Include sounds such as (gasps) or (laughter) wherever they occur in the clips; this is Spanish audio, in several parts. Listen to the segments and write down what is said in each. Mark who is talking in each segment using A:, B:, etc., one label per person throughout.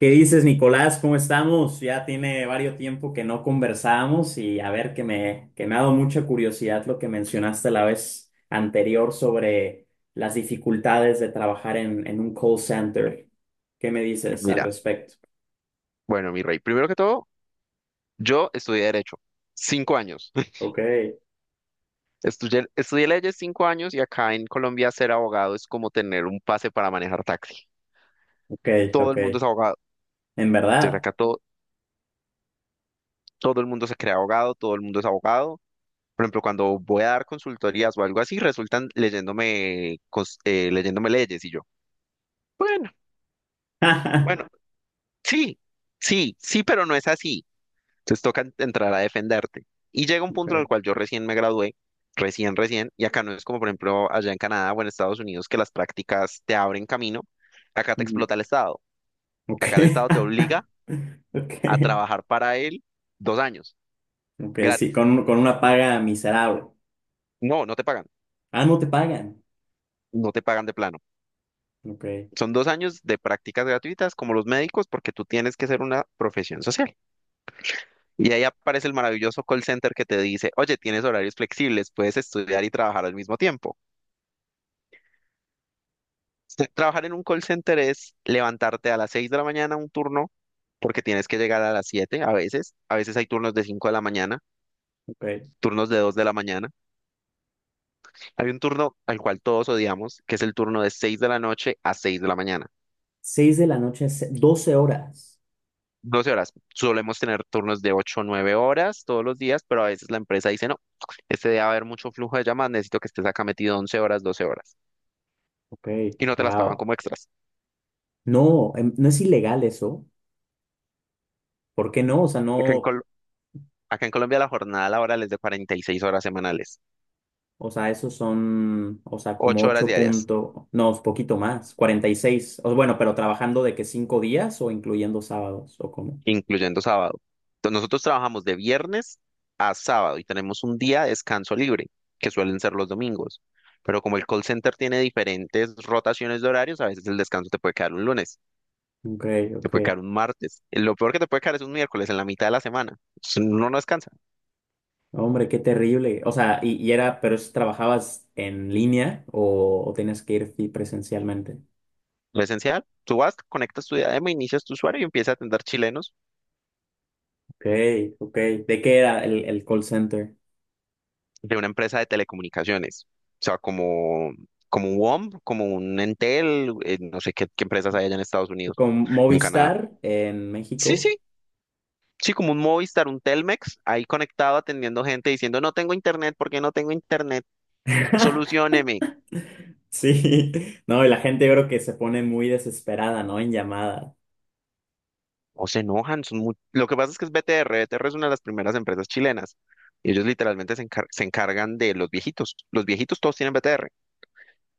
A: ¿Qué dices, Nicolás? ¿Cómo estamos? Ya tiene varios tiempo que no conversamos y a ver que me ha dado mucha curiosidad lo que mencionaste la vez anterior sobre las dificultades de trabajar en un call center. ¿Qué me dices al
B: Mira,
A: respecto?
B: bueno, mi rey, primero que todo, yo estudié Derecho, 5 años. (laughs)
A: Ok,
B: Estudié leyes 5 años y acá en Colombia ser abogado es como tener un pase para manejar taxi.
A: ok,
B: Todo
A: ok.
B: el mundo es abogado.
A: ¿En
B: Desde
A: verdad?
B: acá todo el mundo se crea abogado, todo el mundo es abogado. Por ejemplo, cuando voy a dar consultorías o algo así, resultan leyéndome, leyéndome leyes y yo, bueno, bueno,
A: (laughs)
B: sí, sí, sí, pero no es así. Entonces toca entrar a defenderte. Y llega un
A: Ok,
B: punto en el cual yo recién me gradué, recién, recién, y acá no es como por ejemplo allá en Canadá o en Estados Unidos que las prácticas te abren camino, acá te
A: ujú,
B: explota el Estado,
A: ok,
B: acá el Estado te obliga
A: (laughs) ok,
B: a trabajar para él 2 años,
A: ok, sí,
B: gratis.
A: con una paga miserable.
B: No, no te pagan,
A: Ah, no te pagan.
B: no te pagan de plano.
A: Ok,
B: Son 2 años de prácticas gratuitas como los médicos porque tú tienes que ser una profesión social. Y ahí aparece el maravilloso call center que te dice, oye, tienes horarios flexibles, puedes estudiar y trabajar al mismo tiempo. Trabajar en un call center es levantarte a las 6 de la mañana un turno, porque tienes que llegar a las siete, a veces. A veces hay turnos de 5 de la mañana,
A: ok.
B: turnos de 2 de la mañana. Hay un turno al cual todos odiamos, que es el turno de 6 de la noche a 6 de la mañana.
A: Seis de la noche, 12 horas.
B: doce horas. Solemos tener turnos de 8, o 9 horas todos los días, pero a veces la empresa dice, no, este día va a haber mucho flujo de llamadas, necesito que estés acá metido 11 horas, 12 horas.
A: Ok,
B: Y no te las pagan
A: wow.
B: como extras.
A: No, no es ilegal eso. ¿Por qué no? O sea,
B: Acá en,
A: no,
B: Col- acá en Colombia la jornada laboral es de 46 horas semanales,
A: o sea, esos son, o sea, como
B: 8 horas
A: ocho
B: diarias.
A: puntos, no, es poquito más, 46. O, bueno, pero trabajando de que cinco días o incluyendo sábados o cómo.
B: Incluyendo sábado. Entonces, nosotros trabajamos de viernes a sábado y tenemos un día de descanso libre, que suelen ser los domingos. Pero como el call center tiene diferentes rotaciones de horarios, a veces el descanso te puede quedar un lunes,
A: Ok,
B: te
A: ok.
B: puede quedar un martes. Lo peor que te puede quedar es un miércoles en la mitad de la semana. Entonces, uno no descansa.
A: Hombre, qué terrible. O sea, y era, pero ¿trabajabas en línea o tenías que ir presencialmente?
B: Lo esencial, tú vas, conectas tu diadema, inicias tu usuario y empiezas a atender chilenos
A: Ok, ok. ¿De qué era el call center?
B: de una empresa de telecomunicaciones. O sea, como un WOM, como un Entel, no sé qué empresas hay allá en Estados Unidos,
A: Con
B: en Canadá.
A: Movistar en
B: Sí,
A: México.
B: sí, sí, como un Movistar, un Telmex, ahí conectado atendiendo gente diciendo, no tengo internet, ¿por qué no tengo internet?
A: (laughs)
B: Solucióneme.
A: Sí, no, y la gente yo creo que se pone muy desesperada, ¿no? En llamada.
B: O se enojan. Lo que pasa es que es BTR, BTR es una de las primeras empresas chilenas. Y ellos literalmente se encargan de los viejitos. Los viejitos todos tienen BTR.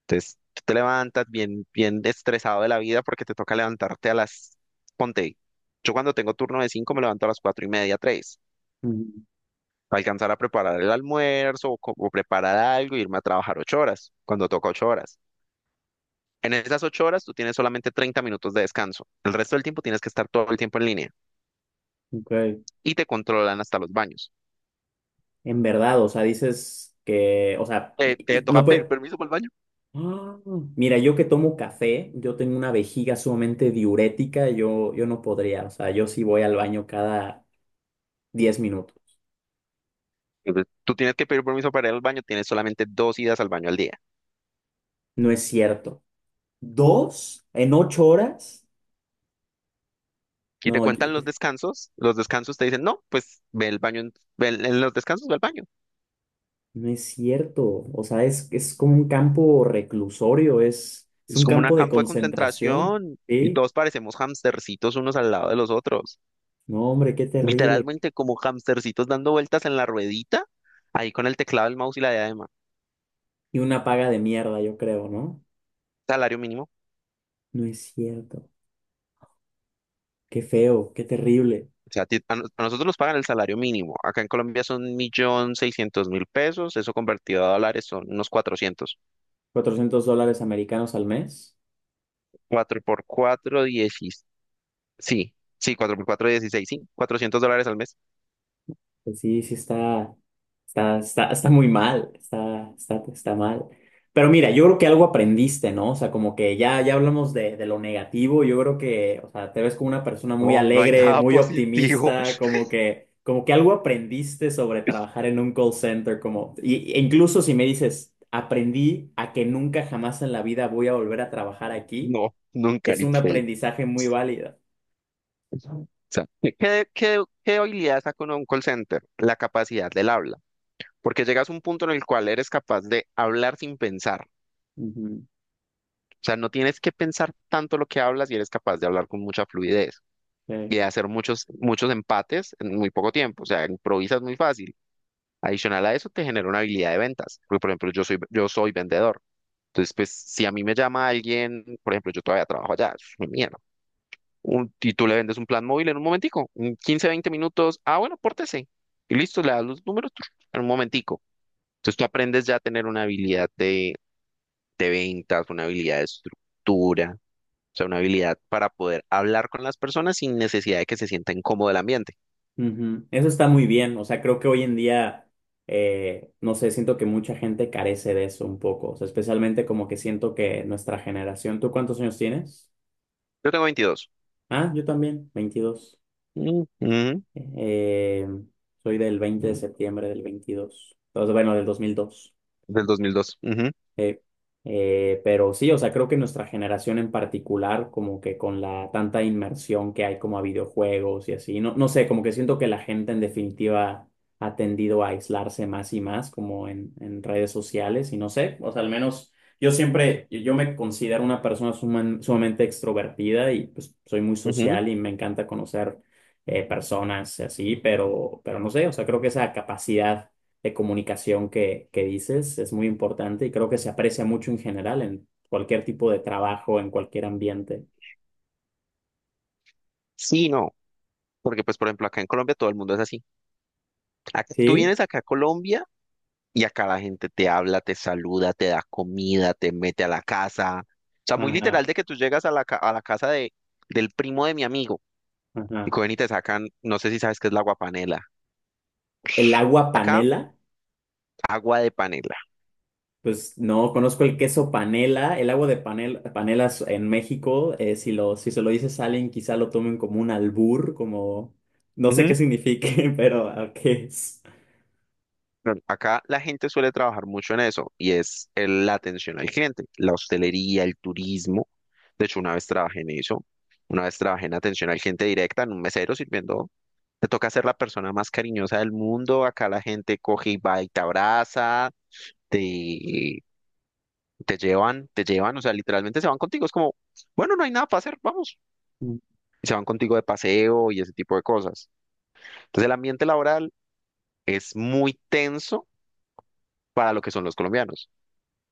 B: Entonces, tú te levantas bien, bien estresado de la vida porque te toca levantarte a las. Ponte, yo cuando tengo turno de 5 me levanto a las 4 y media, 3,
A: Mm,
B: alcanzar a preparar el almuerzo o preparar algo, irme a trabajar 8 horas, cuando toca 8 horas. En esas 8 horas tú tienes solamente 30 minutos de descanso. El resto del tiempo tienes que estar todo el tiempo en línea
A: ok.
B: y te controlan hasta los baños.
A: En verdad, o sea, dices que, o sea,
B: Te toca
A: no
B: pedir
A: puede...
B: permiso para el baño.
A: ¡Ah! Mira, yo que tomo café, yo tengo una vejiga sumamente diurética, yo no podría, o sea, yo sí voy al baño cada 10 minutos.
B: Entonces, tú tienes que pedir permiso para ir al baño, tienes solamente 2 idas al baño al día.
A: No es cierto. ¿Dos en 8 horas?
B: Y te
A: No,
B: cuentan los descansos te dicen, no, pues ve el baño, en los descansos ve al baño.
A: no es cierto. O sea, es como un campo reclusorio, es
B: Es
A: un
B: como un
A: campo de
B: campo de
A: concentración.
B: concentración y
A: ¿Sí?
B: todos parecemos hamstercitos unos al lado de los otros.
A: No, hombre, qué terrible.
B: Literalmente como hamstercitos dando vueltas en la ruedita, ahí con el teclado, el mouse y la diadema.
A: Y una paga de mierda, yo creo, ¿no?
B: Salario mínimo.
A: No es cierto. Qué feo, qué terrible.
B: O sea, a nosotros nos pagan el salario mínimo. Acá en Colombia son 1.600.000 pesos. Eso convertido a dólares son unos 400.
A: $400 americanos al mes.
B: Cuatro por 4 16. Sí, sí, 4 por 4 16. Sí, 400 dólares al mes.
A: Pues sí, sí está, está, está, está muy mal, está, está, está mal. Pero mira, yo creo que algo aprendiste, ¿no? O sea, como que ya, ya hablamos de lo negativo, yo creo que, o sea, te ves como una persona muy
B: No, no hay
A: alegre,
B: nada
A: muy
B: positivo.
A: optimista,
B: (laughs)
A: como que algo aprendiste sobre trabajar en un call center, como, y, e incluso si me dices, aprendí a que nunca jamás en la vida voy a volver a trabajar aquí,
B: No, nunca,
A: es
B: ni
A: un
B: fe.
A: aprendizaje muy válido.
B: O sea, ¿qué habilidad saca uno de un call center? La capacidad del habla. Porque llegas a un punto en el cual eres capaz de hablar sin pensar.
A: Ujú,
B: O sea, no tienes que pensar tanto lo que hablas y eres capaz de hablar con mucha fluidez. Y
A: sí.
B: de hacer muchos, muchos empates en muy poco tiempo. O sea, improvisas muy fácil. Adicional a eso, te genera una habilidad de ventas. Porque, por ejemplo, yo soy vendedor. Entonces, pues, si a mí me llama alguien, por ejemplo, yo todavía trabajo allá, eso es mi mierda. Y tú le vendes un plan móvil en un momentico, en 15, 20 minutos. Ah, bueno, pórtese. Y listo, le das los números tru, en un momentico. Entonces, tú aprendes ya a tener una habilidad de ventas, una habilidad de estructura, o sea, una habilidad para poder hablar con las personas sin necesidad de que se sienta incómodo el ambiente.
A: Ujú. Eso está muy bien, o sea, creo que hoy en día, no sé, siento que mucha gente carece de eso un poco, o sea, especialmente como que siento que nuestra generación, ¿tú cuántos años tienes?
B: Yo tengo 22.
A: Ah, yo también, 22.
B: Ujú.
A: Eh, soy del 20 de septiembre del 22 entonces, bueno, del 2002.
B: Del 2002. Ujú,
A: Eh, pero sí, o sea, creo que nuestra generación en particular, como que con la tanta inmersión que hay como a videojuegos y así, no, no sé, como que siento que la gente en definitiva ha tendido a aislarse más y más como en redes sociales y no sé, o sea, al menos yo siempre, yo me considero una persona sumamente extrovertida y pues soy muy
B: ujú.
A: social y me encanta conocer personas y así, pero no sé, o sea, creo que esa capacidad de comunicación que dices es muy importante y creo que se aprecia mucho en general en cualquier tipo de trabajo, en cualquier ambiente.
B: Sí, no, porque pues por ejemplo acá en Colombia todo el mundo es así. Tú
A: ¿Sí?
B: vienes acá a Colombia y acá la gente te habla, te saluda, te da comida, te mete a la casa. O sea, muy
A: Ajá,
B: literal de que tú llegas a la casa del primo de mi amigo y
A: ajá.
B: cogen y te sacan, no sé si sabes qué es la aguapanela.
A: El agua
B: Acá,
A: panela,
B: agua de panela.
A: pues no conozco el queso panela. El agua de panel, panelas en México, si lo, si se lo dices a alguien, quizá lo tomen como un albur, como no sé
B: Ujú.
A: qué signifique, (laughs) pero ¿a qué es?
B: Pero acá la gente suele trabajar mucho en eso y la atención al cliente, la hostelería, el turismo. De hecho, una vez trabajé en eso, una vez trabajé en atención al cliente directa, en un mesero sirviendo. Te toca ser la persona más cariñosa del mundo. Acá la gente coge y va y te abraza, te, te llevan, te llevan, o sea, literalmente se van contigo. Es como, bueno, no hay nada para hacer, vamos.
A: Mm,
B: Y se van contigo de paseo y ese tipo de cosas. Entonces, el ambiente laboral es muy tenso para lo que son los colombianos.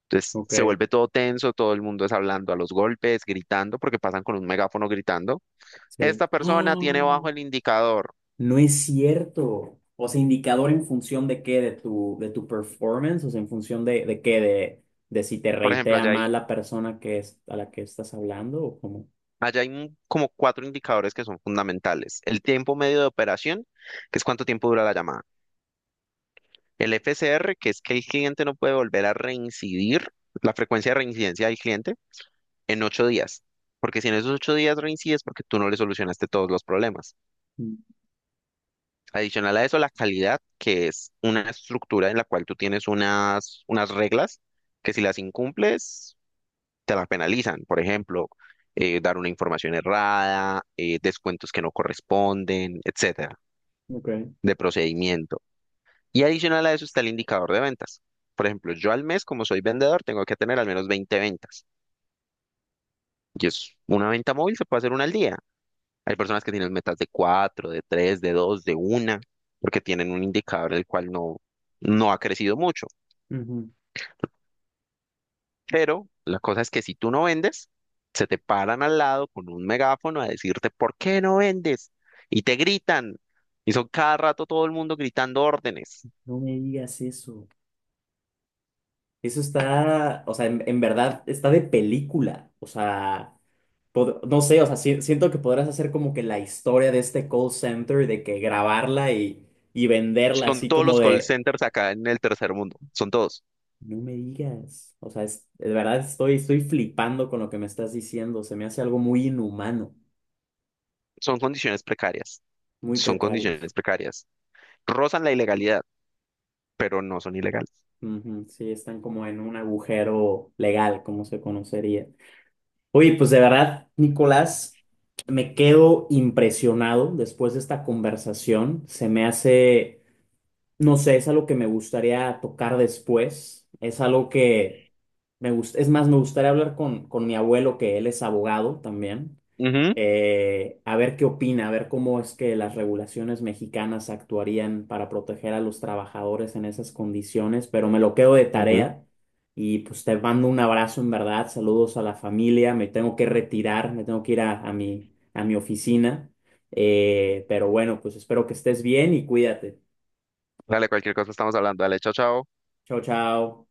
B: Entonces,
A: ok,
B: se vuelve todo tenso, todo el mundo es hablando a los golpes, gritando, porque pasan con un megáfono gritando.
A: sí.
B: Esta persona tiene bajo
A: (gasps)
B: el indicador.
A: No es cierto. O sea, indicador en función de qué, de tu performance, o sea, en función de qué, de si te
B: Por ejemplo,
A: reitea mal la persona que es, a la que estás hablando o cómo.
B: como cuatro indicadores que son fundamentales. El tiempo medio de operación, que es cuánto tiempo dura la llamada. El FCR, que es que el cliente no puede volver a reincidir, la frecuencia de reincidencia del cliente, en 8 días. Porque si en esos 8 días reincides, porque tú no le solucionaste todos los problemas.
A: Mm,
B: Adicional a eso, la calidad, que es una estructura en la cual tú tienes unas reglas que si las incumples, te la penalizan. Por ejemplo, dar una información errada, descuentos que no corresponden, etcétera,
A: ok.
B: de procedimiento. Y adicional a eso está el indicador de ventas. Por ejemplo, yo al mes, como soy vendedor, tengo que tener al menos 20 ventas. Y es una venta móvil, se puede hacer una al día. Hay personas que tienen metas de 4, de 3, de 2, de una, porque tienen un indicador el cual no, no ha crecido mucho.
A: Ujú.
B: Pero la cosa es que si tú no vendes, se te paran al lado con un megáfono a decirte, ¿por qué no vendes? Y te gritan. Y son cada rato todo el mundo gritando órdenes.
A: No me digas eso. Eso está, o sea, en verdad está de película. O sea, no sé, o sea, siento que podrás hacer como que la historia de este call center, de que grabarla y venderla
B: Son
A: así
B: todos
A: como
B: los call
A: de...
B: centers acá en el tercer mundo. Son todos.
A: No me digas. O sea, de verdad estoy, estoy flipando con lo que me estás diciendo. Se me hace algo muy inhumano,
B: Son condiciones precarias.
A: muy
B: Son
A: precarios.
B: condiciones precarias. Rozan la ilegalidad, pero no son ilegales.
A: Ujú, sí, están como en un agujero legal, como se conocería. Oye, pues de verdad, Nicolás, me quedo impresionado después de esta conversación. Se me hace no sé, es algo que me gustaría tocar después. Es algo que me gusta. Es más, me gustaría hablar con mi abuelo, que él es abogado también,
B: Ujú,
A: a ver qué opina, a ver cómo es que las regulaciones mexicanas actuarían para proteger a los trabajadores en esas condiciones, pero me lo quedo de
B: ujú.
A: tarea. Y pues te mando un abrazo en verdad, saludos a la familia, me tengo que retirar, me tengo que ir a mi oficina. Pero bueno, pues espero que estés bien y cuídate.
B: Dale, cualquier cosa estamos hablando. Dale, chao, chao.
A: Chao, chao.